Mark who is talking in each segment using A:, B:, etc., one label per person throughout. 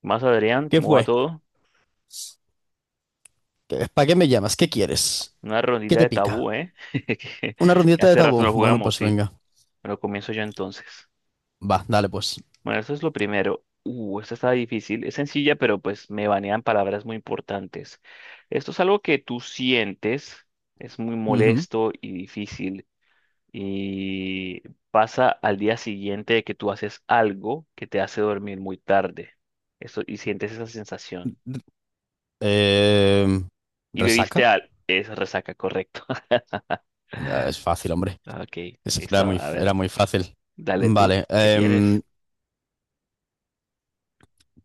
A: Más Adrián,
B: ¿Qué
A: ¿cómo va
B: fue?
A: todo?
B: ¿Para qué me llamas? ¿Qué quieres?
A: Una
B: ¿Qué
A: rondita
B: te
A: de
B: pica?
A: tabú, ¿eh? Que
B: ¿Una rondita de
A: hace rato
B: tabú?
A: no
B: Bueno,
A: jugamos,
B: pues
A: sí.
B: venga.
A: Pero comienzo yo entonces.
B: Va, dale pues.
A: Bueno, eso es lo primero. Esta está difícil. Es sencilla, pero pues me banean palabras muy importantes. Esto es algo que tú sientes, es muy
B: Ujú.
A: molesto y difícil. Y pasa al día siguiente de que tú haces algo que te hace dormir muy tarde. Eso, y sientes esa sensación.
B: Em,
A: Y bebiste
B: ¿Resaca?
A: al... Es resaca, correcto.
B: Ah,
A: Ah,
B: es fácil, hombre.
A: ok,
B: Ese
A: listo. A
B: era
A: ver,
B: muy fácil.
A: dale tú.
B: Vale.
A: ¿Qué tienes?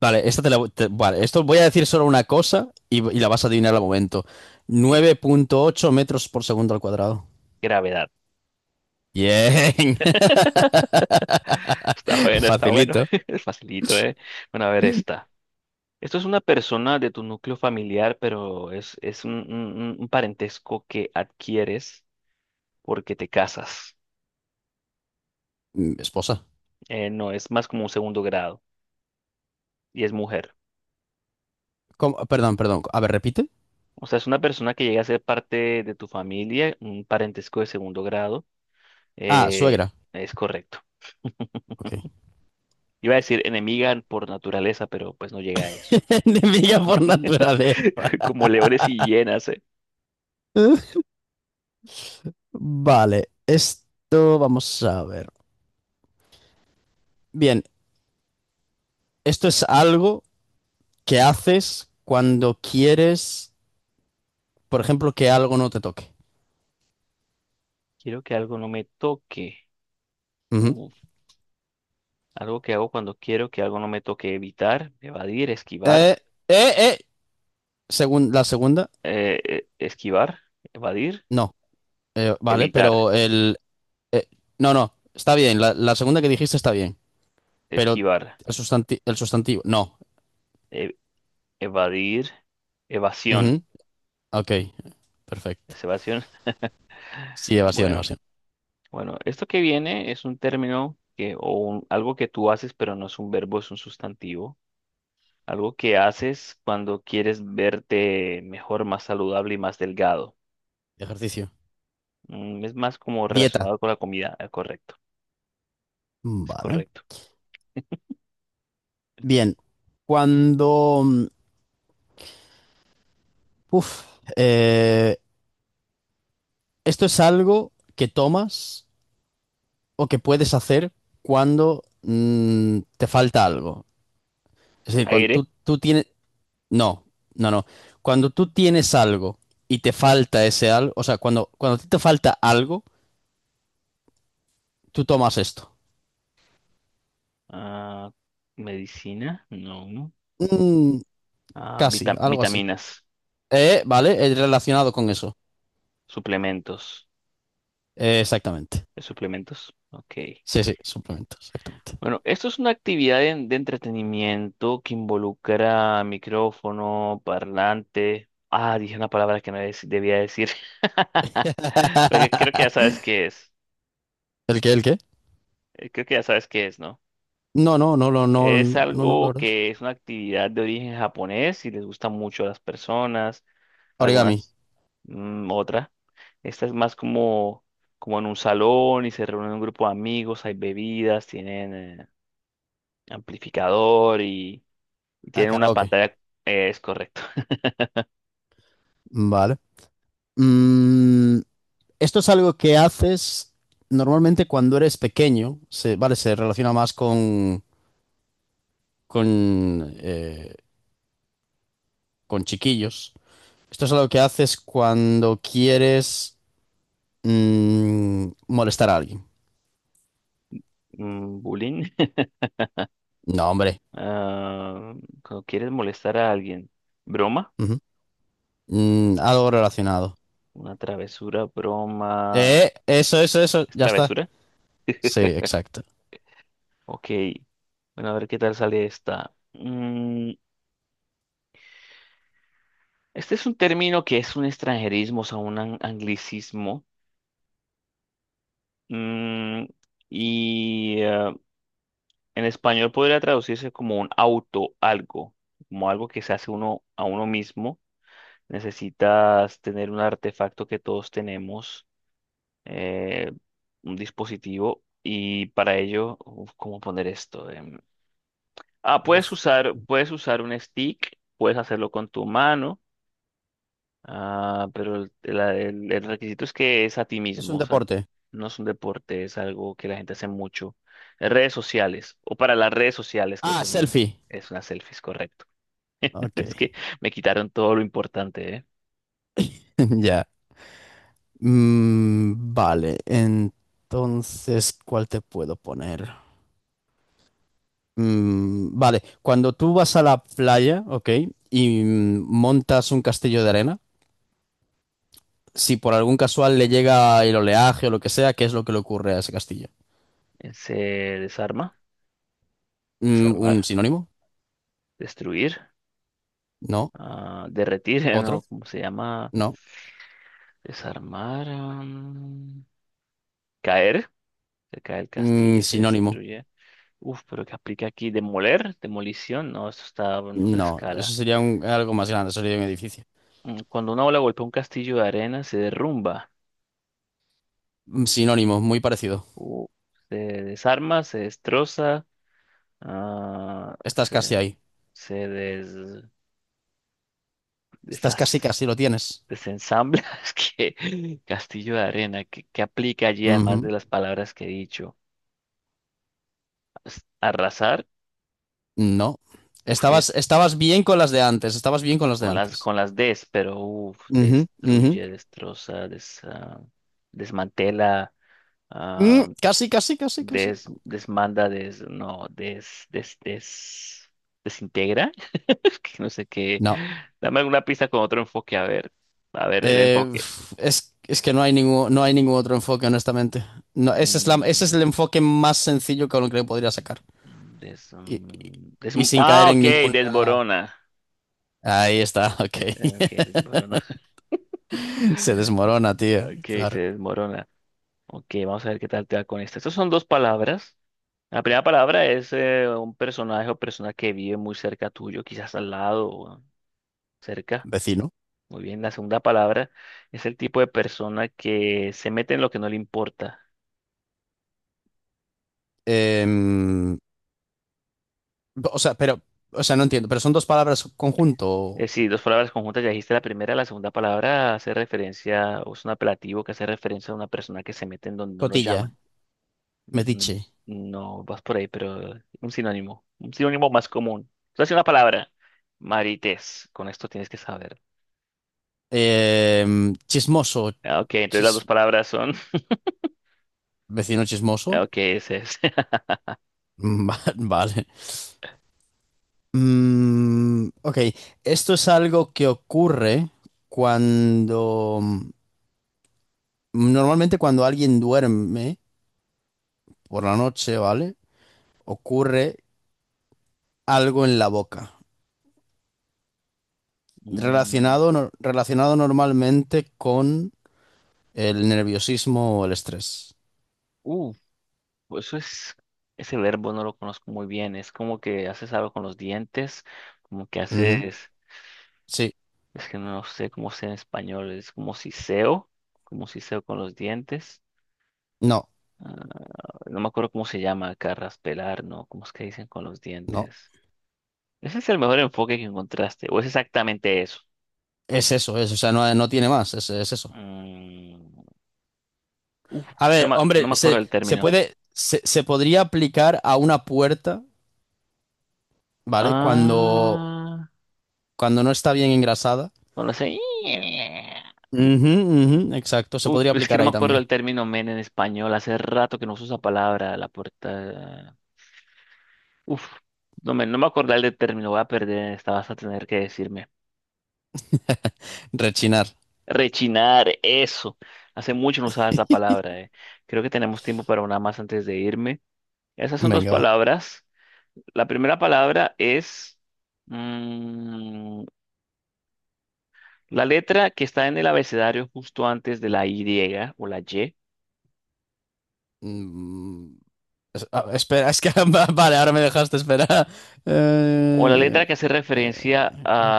B: Vale, esta te la, voy- te- vale, esto voy a decir solo una cosa y la vas a adivinar al momento.
A: ¿Qué?
B: 9,8 m/s².
A: Gravedad.
B: Bien.
A: Está bueno, está bueno.
B: Facilito.
A: Es facilito, ¿eh? Bueno, a ver esta. Esto es una persona de tu núcleo familiar, pero es un parentesco que adquieres porque te casas.
B: Esposa.
A: No, es más como un segundo grado y es mujer.
B: ¿Cómo? Perdón, perdón. A ver, repite.
A: O sea, es una persona que llega a ser parte de tu familia, un parentesco de segundo grado.
B: Ah,
A: eh,
B: suegra.
A: es correcto.
B: Ok.
A: Iba a decir enemiga por naturaleza, pero pues no llega a eso.
B: Enemiga por naturaleza.
A: Como leones y hienas, ¿eh?
B: Vale, esto vamos a ver. Bien, esto es algo que haces cuando quieres, por ejemplo, que algo no te toque.
A: Quiero que algo no me toque.
B: Ujú.
A: Uf, algo que hago cuando quiero que algo no me toque. Evitar, evadir, esquivar.
B: Eh, eh, eh. La segunda,
A: Esquivar, evadir,
B: no. Vale,
A: evitar,
B: pero el. eh, no, no, está bien. La segunda que dijiste está bien. Pero
A: esquivar,
B: el sustantivo, no.
A: e- evadir, evasión.
B: Ujú, ok, perfecto.
A: ¿Es evasión?
B: Sí, evasión,
A: Bueno,
B: evasión.
A: bueno, esto que viene es un término que, algo que tú haces, pero no es un verbo, es un sustantivo. Algo que haces cuando quieres verte mejor, más saludable y más delgado.
B: Ejercicio.
A: Mm, es más como
B: Dieta.
A: relacionado con la comida, correcto, es
B: Vale.
A: correcto.
B: Bien, cuando... mm, Uf, eh, esto es algo que tomas o que puedes hacer cuando te falta algo. Es decir, cuando
A: Aire,
B: tú tienes. No, no, no. Cuando tú tienes algo y te falta ese algo, o sea, cuando a ti te falta algo, tú tomas esto.
A: ah, medicina, no, no.
B: Mm,
A: Ah,
B: Casi, algo así.
A: vitaminas,
B: Vale, es relacionado con eso.
A: suplementos.
B: Exactamente.
A: ¿Es suplementos? Ok.
B: Sí, sí, suplemento, exactamente.
A: Bueno, esto es una actividad de entretenimiento que involucra micrófono, parlante. Ah, dije una palabra que no dec- debía decir. Porque creo que ya sabes qué es.
B: ¿El qué, el qué?
A: Creo que ya sabes qué es, ¿no?
B: No, no, no, no, no,
A: Es
B: no, no, la
A: algo
B: verdad.
A: que es una actividad de origen japonés y les gusta mucho a las personas,
B: Origami.
A: algunas, mm, otra. Esta es más como, como en un salón y se reúnen un grupo de amigos, hay bebidas, tienen amplificador y
B: Ah,
A: tienen una
B: karaoke.
A: pantalla, es correcto.
B: Vale. Mm, Esto es algo que haces normalmente cuando eres pequeño. Vale, se relaciona más con, eh, con chiquillos. Esto es algo que haces cuando quieres molestar a alguien.
A: Mm, bullying.
B: No, hombre.
A: Ah, cuando quieres molestar a alguien. Broma.
B: Ujú. Algo relacionado.
A: Una travesura, broma.
B: Eso, eso, eso.
A: ¿Es
B: Ya está.
A: travesura?
B: Sí, exacto.
A: Ok, bueno, a ver qué tal sale esta. Mm, este es un término que es un extranjerismo, o sea, anglicismo. Mm, y en español podría traducirse como un auto, algo, como algo que se hace uno a uno mismo. Necesitas tener un artefacto que todos tenemos, eh, un dispositivo, y para ello, uf, ¿cómo poner esto? Em, ah,
B: Buf.
A: puedes usar un stick, puedes hacerlo con tu mano. Ah, pero el requisito es que es a ti
B: Es un
A: mismo, o sea,
B: deporte.
A: no es un deporte, es algo que la gente hace mucho. Redes sociales, o para las redes sociales, creo
B: Ah,
A: que es más,
B: selfie.
A: es una selfie, es correcto.
B: Ok.
A: Es que me quitaron todo lo importante, ¿eh?
B: Ya. Vale, entonces, ¿cuál te puedo poner? Vale, cuando tú vas a la playa, ¿ok? Y montas un castillo de arena, si por algún casual le llega el oleaje o lo que sea, ¿qué es lo que le ocurre a ese castillo?
A: Se desarma,
B: ¿Un
A: desarmar,
B: sinónimo?
A: destruir,
B: No.
A: ah, derretir,
B: ¿Otro?
A: ¿no? ¿Cómo se llama?
B: No.
A: Desarmar, am, caer, se cae el castillo, se
B: Sinónimo.
A: destruye. Uf, pero ¿qué aplica aquí? ¿Demoler? ¿Demolición? No, eso está en otra
B: No, eso
A: escala.
B: sería algo más grande, sería un edificio.
A: Mm, cuando una ola golpea un castillo de arena, se derrumba,
B: Sinónimo, muy parecido.
A: uh, se desarma, se destroza, ah,
B: Estás casi
A: se,
B: ahí.
A: se
B: Estás casi,
A: desas-
B: casi lo tienes.
A: desensambla. Es que castillo de arena, ¿qué, qué aplica allí además de las palabras que he dicho? Arrasar,
B: No.
A: uf,
B: Estabas,
A: tienes-
B: estabas bien con las de antes, estabas bien con las de antes.
A: con las des, pero uf,
B: Ujú, ujú.
A: destruye, destroza, desmantela. ah,
B: Casi, casi, casi, casi.
A: Des, desmanda, des, no, des, des, des, desintegra. Es que no sé qué.
B: No.
A: Dame alguna pista con otro enfoque, a ver. A ver, el enfoque.
B: Es que no hay ningún otro enfoque, honestamente. No, ese es la- ese
A: Mm,
B: es el enfoque más sencillo con el que lo podría sacar.
A: des,
B: Y, y-
A: mm,
B: y sin caer
A: ah, ok,
B: en ninguna.
A: desborona.
B: Ahí está, ok.
A: Ok, desborona.
B: Se desmorona, tío.
A: Ok, se
B: Claro.
A: desmorona. Ok, vamos a ver qué tal te va con esto. Estas son dos palabras. La primera palabra es un personaje o persona que vive muy cerca tuyo, quizás al lado o cerca.
B: Vecino.
A: Muy bien, la segunda palabra es el tipo de persona que se mete en lo que no le importa.
B: Em, o sea, pero. O sea, no entiendo. ¿Pero son dos palabras conjunto?
A: Es decir, dos palabras conjuntas, ya dijiste la primera, la segunda palabra hace referencia, o es un apelativo que hace referencia a una persona que se mete en donde no lo
B: Cotilla.
A: llaman. Mm,
B: Mediche.
A: no vas por ahí, pero un sinónimo más común. Entonces, una palabra, marites, con esto tienes que saber.
B: Eh, Chismoso.
A: Ah, ok, entonces las dos
B: Chis-
A: palabras son,
B: Vecino
A: ah,
B: chismoso.
A: ok, ese es.
B: Vale. Ok, esto es algo que ocurre cuando. Normalmente cuando alguien duerme por la noche, ¿vale? Ocurre algo en la boca.
A: Mm,
B: Relacionado, relacionado normalmente con el nerviosismo o el estrés.
A: uh, pues eso es, ese verbo no lo conozco muy bien. Es como que haces algo con los dientes, como que
B: Ujú.
A: haces,
B: Sí,
A: es que no sé cómo sea en español, es como siseo con los dientes.
B: no,
A: Ah, no me acuerdo cómo se llama acá, raspelar, ¿no? ¿Cómo es que dicen con los
B: no.
A: dientes? Ese es el mejor enfoque que encontraste, o es exactamente eso.
B: Es eso, o sea, no, no tiene más, es eso.
A: Mm, uf,
B: A
A: es que
B: ver,
A: no me
B: hombre,
A: acuerdo
B: se,
A: del
B: se
A: término.
B: puede, se podría aplicar a una puerta, ¿vale? Cuando,
A: Ah,
B: cuando no está bien engrasada.
A: no lo sé.
B: Ujú, ujú, exacto, se
A: Uf,
B: podría
A: es que
B: aplicar
A: no me
B: ahí
A: acuerdo
B: también.
A: el término men en español. Hace rato que no uso esa palabra. La puerta. Uf, no me acordaba el de término. Voy a perder. Esta vas a tener que decirme.
B: Rechinar.
A: Rechinar, eso. Hace mucho no usaba esa palabra. Creo que tenemos tiempo para una más antes de irme. Esas son dos
B: Venga, va.
A: palabras. La primera palabra es mm, la letra que está en el abecedario justo antes de la Y o la Y.
B: Mm, Espera, es que vale, ahora me dejaste esperar.
A: O la
B: Eh,
A: letra que hace referencia
B: eh,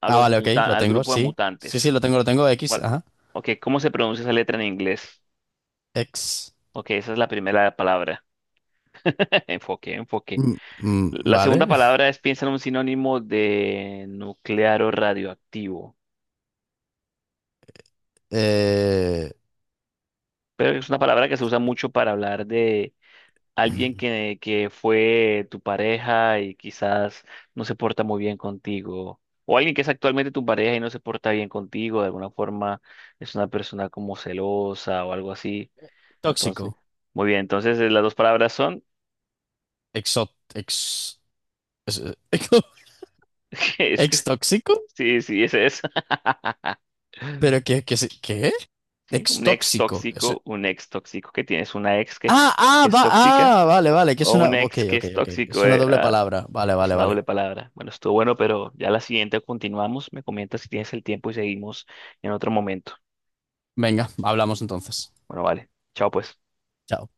A: a
B: ah,
A: los
B: vale, ok, lo
A: al
B: tengo,
A: grupo de
B: sí.
A: mutantes.
B: Sí, sí, lo tengo, lo tengo. X,
A: ¿Cuál?
B: ajá.
A: Ok, ¿cómo se pronuncia esa letra en inglés?
B: X.
A: Ok, esa es la primera palabra. Enfoque, enfoque. La segunda
B: Vale.
A: palabra es piensa en un sinónimo de nuclear o radioactivo.
B: Eh,
A: Pero es una palabra que se usa mucho para hablar de alguien que fue tu pareja y quizás no se porta muy bien contigo. O alguien que es actualmente tu pareja y no se porta bien contigo. De alguna forma es una persona como celosa o algo así. Entonces,
B: Tóxico.
A: muy bien, entonces las dos palabras son,
B: Exot. Ex. es-
A: es
B: ¿Ex
A: que,
B: tóxico?
A: sí, sí, es esa.
B: ¿Pero qué, qué, se- qué?
A: Sí,
B: ¿Ex tóxico? Eso.
A: un ex tóxico que tienes una ex que
B: Ah, ah,
A: es
B: va,
A: tóxica
B: ah, vale, vale, que es
A: o un
B: una. Ok,
A: ex que
B: ok,
A: es
B: ok. Es
A: tóxico,
B: una doble palabra. Vale,
A: es
B: vale,
A: una doble
B: vale.
A: palabra. Bueno, estuvo bueno, pero ya la siguiente continuamos. Me comentas si tienes el tiempo y seguimos en otro momento.
B: Venga, hablamos entonces.
A: Bueno, vale. Chao, pues.
B: Chao.